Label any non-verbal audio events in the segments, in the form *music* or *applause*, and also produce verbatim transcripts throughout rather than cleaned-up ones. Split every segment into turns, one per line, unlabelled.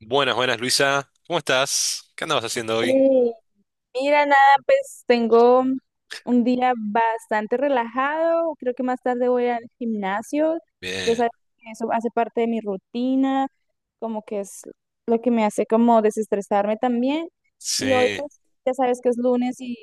Buenas, buenas, Luisa. ¿Cómo estás? ¿Qué andabas haciendo hoy?
Hey, mira, nada, pues tengo un día bastante relajado. Creo que más tarde voy al gimnasio. Ya
Bien.
sabes que eso hace parte de mi rutina, como que es lo que me hace como desestresarme también. Y hoy,
Sí.
pues, ya sabes que es lunes y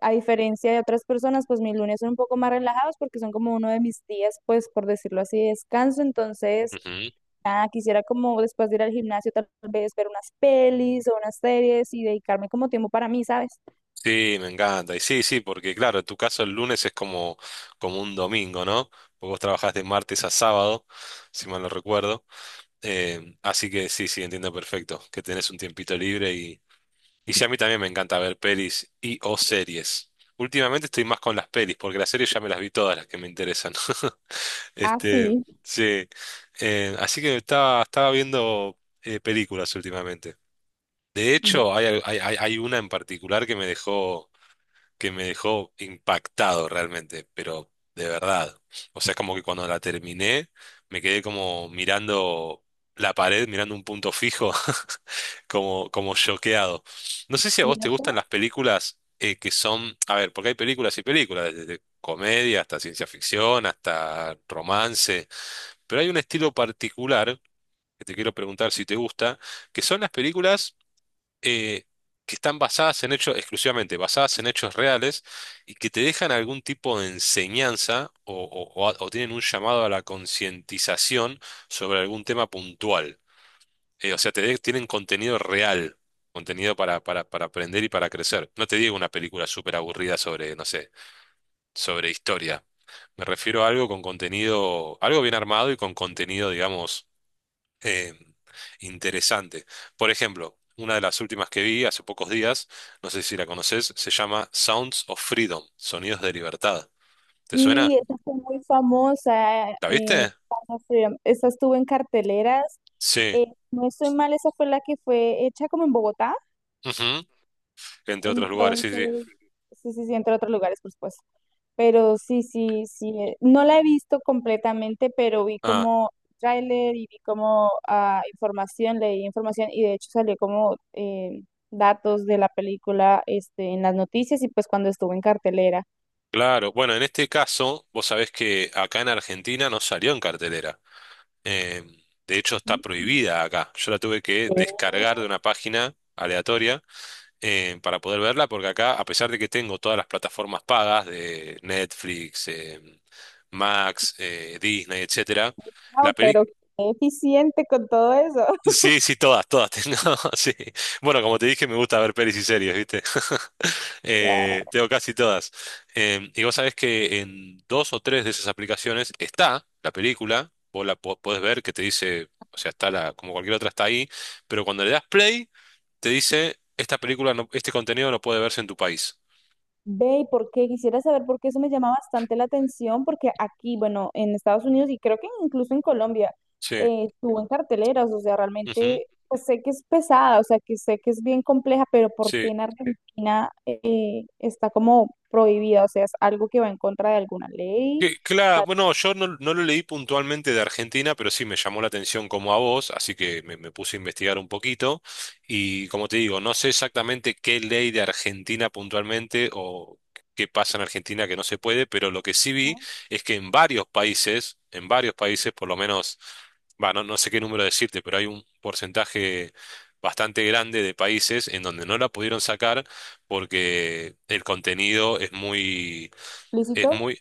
a diferencia de otras personas, pues mis lunes son un poco más relajados porque son como uno de mis días, pues, por decirlo así, de descanso. Entonces,
Ujú.
nada, quisiera como después de ir al gimnasio tal vez ver unas pelis o unas series y dedicarme como tiempo para mí, ¿sabes?
Sí, me encanta. Y sí, sí, porque claro, en tu caso el lunes es como, como un domingo, ¿no? Porque vos trabajás de martes a sábado, si mal no recuerdo. Em, así que sí, sí, entiendo perfecto que tenés un tiempito libre y, y sí, a mí también me encanta ver pelis y o series. Últimamente estoy más con las pelis, porque las series ya me las vi todas las que me interesan. *laughs*
Ah,
Este,
sí.
sí. Eh, así que estaba, estaba viendo eh, películas últimamente. De hecho, hay, al- hay, hay hay una en particular que me dejó, que me dejó impactado realmente, pero de verdad. O sea, como que cuando la terminé, me quedé como mirando la pared, mirando un punto fijo. *laughs* Como, como choqueado. No sé si a
¿Y
vos te gustan
eso?
las películas eh, que son, a ver, porque hay películas y películas, desde comedia hasta ciencia ficción, hasta romance, pero hay un estilo particular que te quiero preguntar si te gusta, que son las películas eh, que están basadas en hechos, exclusivamente basadas en hechos reales y que te dejan algún tipo de enseñanza o, o o- o tienen un llamado a la concientización sobre algún tema puntual. Eh, o sea, te de- tienen contenido real, contenido para, para, para aprender y para crecer. No te digo una película súper aburrida sobre, no sé, sobre historia. Me refiero a algo con contenido, algo bien armado y con contenido, digamos, eh, interesante. Por ejemplo, una de las últimas que vi hace pocos días, no sé si la conoces, se llama Sounds of Freedom, Sonidos de Libertad. ¿Te suena?
Sí, esa fue muy famosa.
¿La
Eh,
viste?
cuando fui- esa estuvo en carteleras.
Sí.
Eh, no estoy mal, esa fue la que fue hecha como en Bogotá.
Ujú. Entre otros lugares, sí, sí.
Entonces, sí, sí, sí, entre otros lugares, por supuesto. Pero sí, sí, sí, eh, no la he visto completamente, pero vi
Ah,
como tráiler y vi como ah, información, leí información y de hecho salió como eh, datos de la película este, en las noticias y pues cuando estuvo en cartelera.
claro, bueno, en este caso, vos sabés que acá en Argentina no salió en cartelera. Eh, de hecho, está prohibida acá. Yo la tuve que descargar de una página aleatoria eh, para poder verla, porque acá, a pesar de que tengo todas las plataformas pagas de Netflix, eh, Max, eh, Disney, etcétera, la
Wow, pero
película
qué eficiente con todo eso.
sí, sí, todas, todas tengo, *laughs* sí. Bueno, como te dije, me gusta ver pelis y series, ¿viste? *laughs*
*laughs*
Eh, tengo casi todas. Em, y vos sabés que en dos o tres de esas aplicaciones está la película, vos la po- podés ver que te dice, o sea, está la, como cualquier otra está ahí, pero cuando le das play, te dice, esta película, no, este contenido no puede verse en tu país.
Ve, ¿y ¿por qué? Quisiera saber por qué eso me llama bastante la atención, porque aquí, bueno, en Estados Unidos y creo que incluso en Colombia,
Sí.
eh, estuvo en carteleras, o sea,
Ujú,
realmente pues, sé que es pesada, o sea, que sé que es bien compleja, pero ¿por
sí,
qué en Argentina eh, está como prohibida? O sea, es algo que va en contra de alguna ley,
que- Claro,
está
bueno, yo no, no lo leí puntualmente de Argentina, pero sí me llamó la atención como a vos, así que me, me puse a investigar un poquito y como te digo, no sé exactamente qué ley de Argentina puntualmente o qué pasa en Argentina que no se puede, pero lo que sí vi es que en varios países, en varios países, por lo menos, bueno, no no sé qué número decirte, pero hay un porcentaje bastante grande de países en donde no la pudieron sacar porque el contenido es muy es
explícito
muy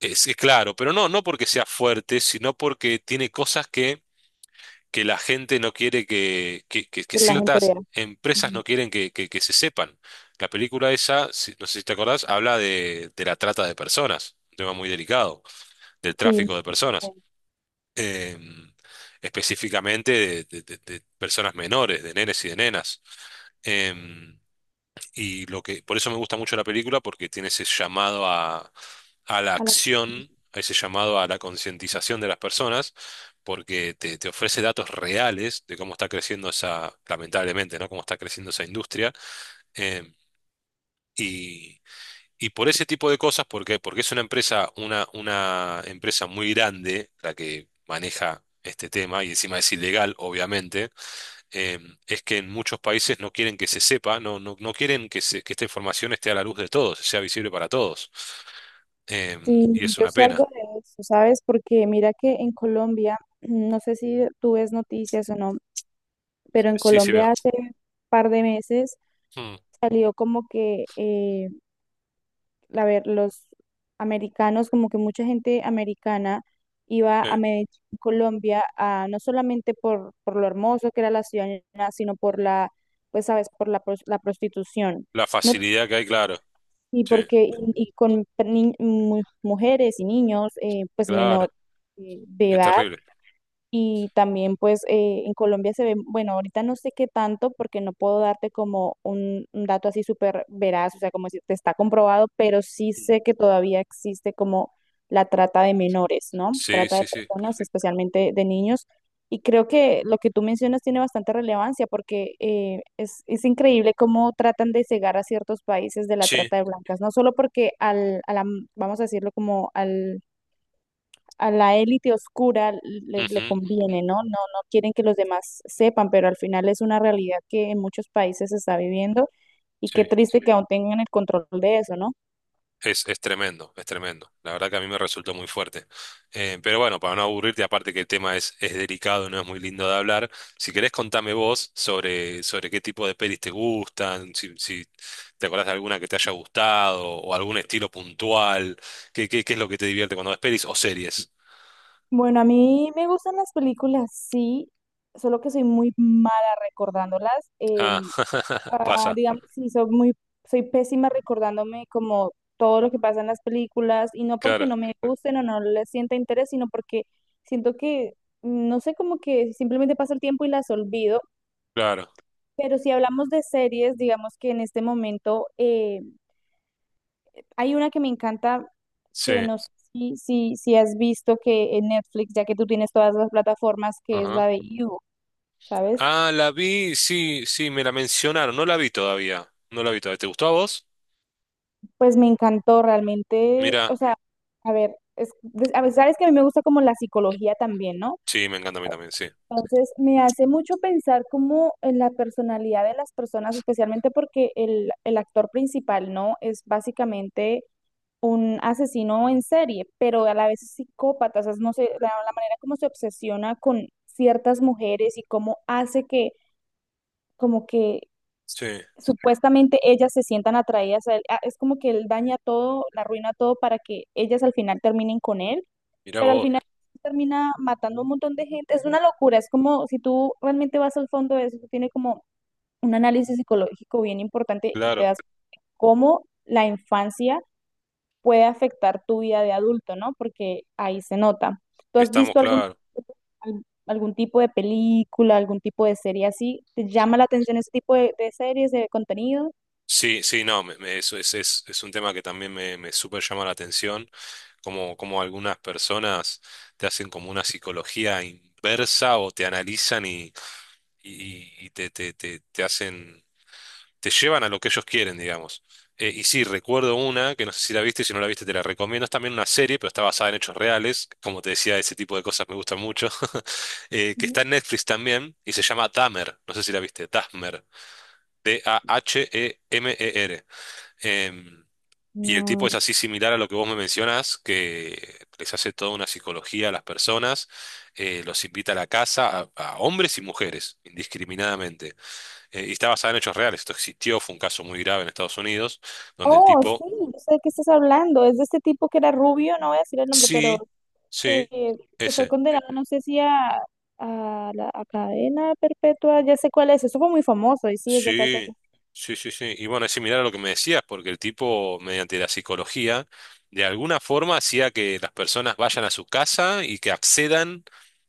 es sí, claro, pero no, no porque sea fuerte, sino porque tiene cosas que, que la gente no quiere que, que, que- que
que la gente vea.
ciertas empresas
Ujú.
no quieren que, que- que se sepan. La película esa, si- no sé si te acordás, habla de, de la trata de personas, un tema muy delicado, del
Sí.
tráfico de personas, eh, específicamente de, de- de- de personas menores, de nenes y de nenas. Em, y lo que, por eso me gusta mucho la película, porque tiene ese llamado a, a la
A la-
acción, a ese llamado a la concientización de las personas, porque te, te ofrece datos reales de cómo está creciendo esa, lamentablemente, ¿no? Cómo está creciendo esa industria. eh, y, y por ese tipo de cosas, ¿por qué? Porque es una empresa, una, una empresa muy grande la que maneja este tema y encima es ilegal, obviamente. eh, es que en muchos países no quieren que se sepa, no, no, no quieren que, se- que esta información esté a la luz de todos, sea visible para todos. Eh,
Sí,
y es
yo
una
sé algo
pena.
de eso, ¿sabes? Porque mira que en Colombia, *clears throat* no sé si tú ves noticias o no, pero en
Sí, sí veo.
Colombia hace un par de meses
Mm,
salió como que, eh, a ver, los americanos, como que mucha gente americana iba a
sí.
Medellín, Colombia, a, no solamente por, por lo hermoso que era la ciudad, ni nada, sino por la, pues sabes, por la, pros- la prostitución.
La
No,
facilidad que hay, claro.
y
Sí,
porque, y, y con ni- mu- mujeres y niños, eh, pues
claro.
menor eh, de
Es
edad.
terrible.
Y también pues eh, en Colombia se ve, bueno, ahorita no sé qué tanto porque no puedo darte como un, un dato así súper veraz, o sea, como si te está comprobado, pero sí
Mm.
sé que todavía existe como la trata de menores, ¿no?
Sí,
Trata de
sí, sí.
personas, especialmente de niños. Y creo que lo que tú mencionas tiene bastante relevancia porque eh, es, es increíble cómo tratan de cegar a ciertos países de la
Sí.
trata de blancas, no solo porque al, a la- vamos a decirlo como al a la élite oscura le, le
Ujú,
conviene, ¿no? No, no quieren que los demás sepan, pero al final es una realidad que en muchos países se está viviendo y
sí.
qué triste que aún tengan el control de eso, ¿no?
Es, es tremendo, es tremendo. La verdad que a mí me resultó muy fuerte. Eh, pero bueno, para no aburrirte, aparte que el tema es, es delicado, no es muy lindo de hablar, si querés contame vos sobre, sobre qué tipo de pelis te gustan, si, si te acordás de alguna que te haya gustado o algún estilo puntual, qué, qué, qué es lo que te divierte cuando ves pelis o series.
Bueno, a mí me gustan las películas, sí, solo que soy muy mala recordándolas.
Ah,
Em,
*laughs*
ah,
pasa.
digamos, sí, soy muy, soy pésima recordándome como todo lo que pasa en las películas y no porque
Claro,
no me gusten o no les sienta interés, sino porque siento que, no sé, como que simplemente pasa el tiempo y las olvido.
claro.
Pero si hablamos de series, digamos que en este momento eh, hay una que me encanta,
Sí.
que no sé si, si, si has visto que en Netflix, ya que tú tienes todas las plataformas, que es
Ajá.
la de You, ¿sabes?
Ah, la vi, sí, sí, me la mencionaron, no la vi todavía. No la vi todavía. ¿Te gustó a vos?
Pues me encantó realmente,
Mira,
o sea, a ver, es, des- a ver, sabes que a mí me gusta como la psicología también, ¿no?
sí, me encanta a mí también, sí.
Entonces me hace mucho pensar como en la personalidad de las personas, especialmente porque el, el actor principal, ¿no? Es básicamente un asesino en serie, pero a la vez es psicópata, o sea, no sé, la, la manera como se obsesiona con ciertas mujeres y cómo hace que, como que
Sí,
supuestamente ellas se sientan atraídas a él, ah, es como que él daña todo, la arruina todo para que ellas al final terminen con él,
mirá
pero al
vos,
final termina matando a un montón de gente, es una locura, es como si tú realmente vas al fondo de eso, tiene como un análisis psicológico bien importante y te
claro,
das cómo la infancia puede afectar tu vida de adulto, ¿no? Porque ahí se nota. ¿Tú has
estamos
visto algún,
claro.
al- algún tipo de película, algún tipo de serie así? ¿Te llama la atención ese tipo de, de series, de contenido?
Sí, sí, no, me- me- eso es, es, es un tema que también me, me súper llama la atención, como, como algunas personas te hacen como una psicología inversa o te analizan y, y, y te, te, te, te hacen, te llevan a lo que ellos quieren, digamos. Eh, y sí, recuerdo una, que no sé si la viste, si no la viste te la recomiendo, es también una serie, pero está basada en hechos reales, como te decía, ese tipo de cosas me gustan mucho, *laughs* eh, que
Ujú.
está en Netflix también y se llama Dahmer, no sé si la viste, Dahmer. D a h e m e r. Em, y el tipo
No.
es así similar a lo que vos me mencionas, que les hace toda una psicología a las personas, eh, los invita a la casa, a, a hombres y mujeres, indiscriminadamente. Eh, y está basado en hechos reales, esto existió, fue un caso muy grave en Estados Unidos, donde el
Oh, sí,
tipo,
yo sé de qué estás hablando. Es de este tipo que era rubio, no voy a decir el nombre, pero
sí,
que,
sí,
que fue
ese.
condenado, no sé si a, a la a cadena perpetua, ya sé cuál es. Eso fue muy famoso y sí, es de acá, se
Sí, sí, sí, sí. Y bueno, es similar a lo que me decías, porque el tipo, mediante la psicología, de alguna forma hacía que las personas vayan a su casa y que accedan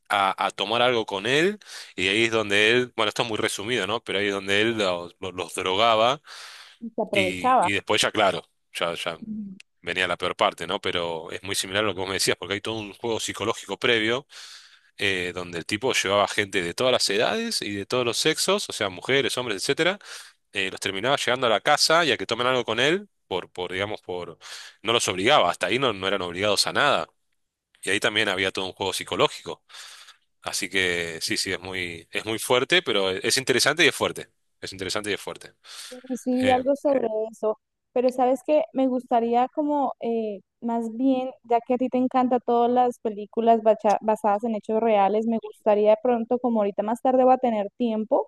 a, a tomar algo con él. Y ahí es donde él, bueno, esto es muy resumido, ¿no? Pero ahí es donde él los, los- los drogaba
se
y,
aprovechaba.
y después ya, claro, ya, ya venía la peor parte, ¿no? Pero es muy similar a lo que vos me decías, porque hay todo un juego psicológico previo eh, donde el tipo llevaba gente de todas las edades y de todos los sexos, o sea, mujeres, hombres, etcétera eh, los terminaba llegando a la casa y a que tomen algo con él, por, por, digamos, por, no los obligaba, hasta ahí no, no eran obligados a nada. Y ahí también había todo un juego psicológico. Así que sí, sí, es muy, es muy fuerte, pero es interesante y es fuerte. Es interesante y es fuerte.
Y sí vi
Eh,
algo sobre eso, pero sabes que me gustaría como eh, más bien, ya que a ti te encantan todas las películas bacha- basadas en hechos reales, me gustaría de pronto, como ahorita más tarde voy a tener tiempo,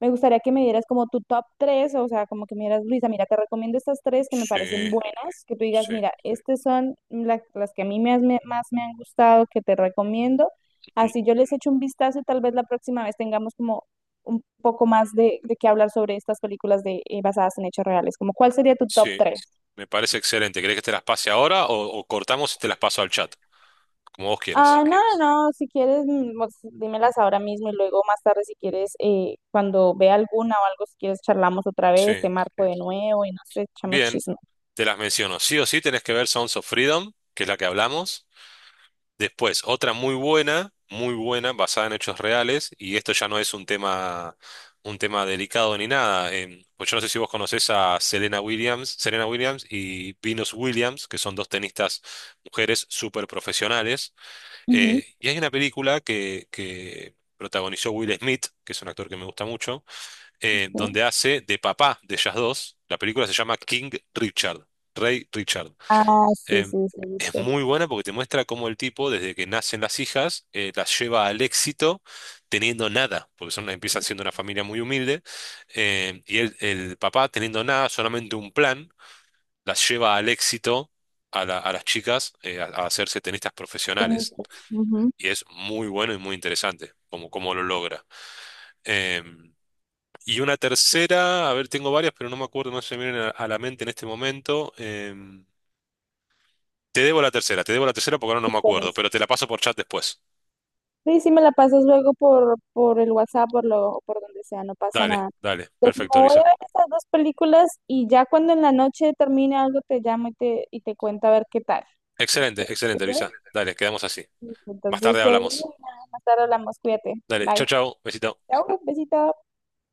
me gustaría que me dieras como tu top tres, o sea, como que me dieras, Luisa, mira, te recomiendo estas tres que me parecen
sí,
buenas, que tú digas,
sí,
mira, estas son la- las que a mí me has- me- más me han gustado, que te recomiendo.
ujú,
Así yo les echo un vistazo y tal vez la próxima vez tengamos como un poco más de, de qué hablar sobre estas películas de, eh, basadas en hechos reales. Como, ¿cuál sería tu top
sí,
tres?
me parece excelente. ¿Querés que te las pase ahora o, o cortamos y te las paso al chat? Como vos quieras.
Ah, no, no, no, si quieres, mm, pues, dímelas ahora mismo y luego más tarde, si quieres, eh, cuando vea alguna o algo, si quieres, charlamos otra vez, te
Sí,
marco de nuevo y no sé, echamos
bien,
chisme.
te las menciono. Sí o sí tenés que ver Sounds of Freedom, que es la que hablamos. Después, otra muy buena, muy buena, basada en hechos reales, y esto ya no es un tema, un tema delicado ni nada. Em, pues yo no sé si vos conocés a Serena Williams, Serena Williams y Venus Williams, que son dos tenistas mujeres súper profesionales.
Ujú,
Eh, y hay una película que, que protagonizó Will Smith, que es un actor que me gusta mucho, eh,
sí.
donde hace de papá de ellas dos. La película se llama King Richard, Rey Richard.
Ah, sí,
em,
sí, sí,
es
listo.
muy buena porque te muestra cómo el tipo, desde que nacen las hijas, eh, las lleva al éxito teniendo nada, porque son, empieza siendo una familia muy humilde, em, y el, el papá teniendo nada, solamente un plan, las lleva al éxito a, la- a las chicas eh, a, a hacerse tenistas
Son mis
profesionales.
tres. Ujú,
Y es muy bueno y muy interesante cómo, cómo lo logra. Em, y una tercera, a ver, tengo varias, pero no me acuerdo, no se me vienen a, a la mente en este momento. Em, Te debo la tercera, te debo la tercera porque ahora no
sí,
me
con
acuerdo,
eso.
pero te la paso por chat después.
Sí, sí, me la pasas luego por, por el WhatsApp, por lo, o por donde sea, no pasa
Dale,
nada.
dale,
Entonces, me
perfecto,
voy a
Luisa.
ver estas dos películas y ya cuando en la noche termine algo te llamo y te, y te cuento a ver qué tal.
Excelente,
¿Te
excelente,
parece?
Luisa. Dale, quedamos así. Más
Entonces,
tarde
te,
hablamos.
más tarde hablamos, cuídate.
Dale, chau,
Bye.
chau, besito.
Chao, besito.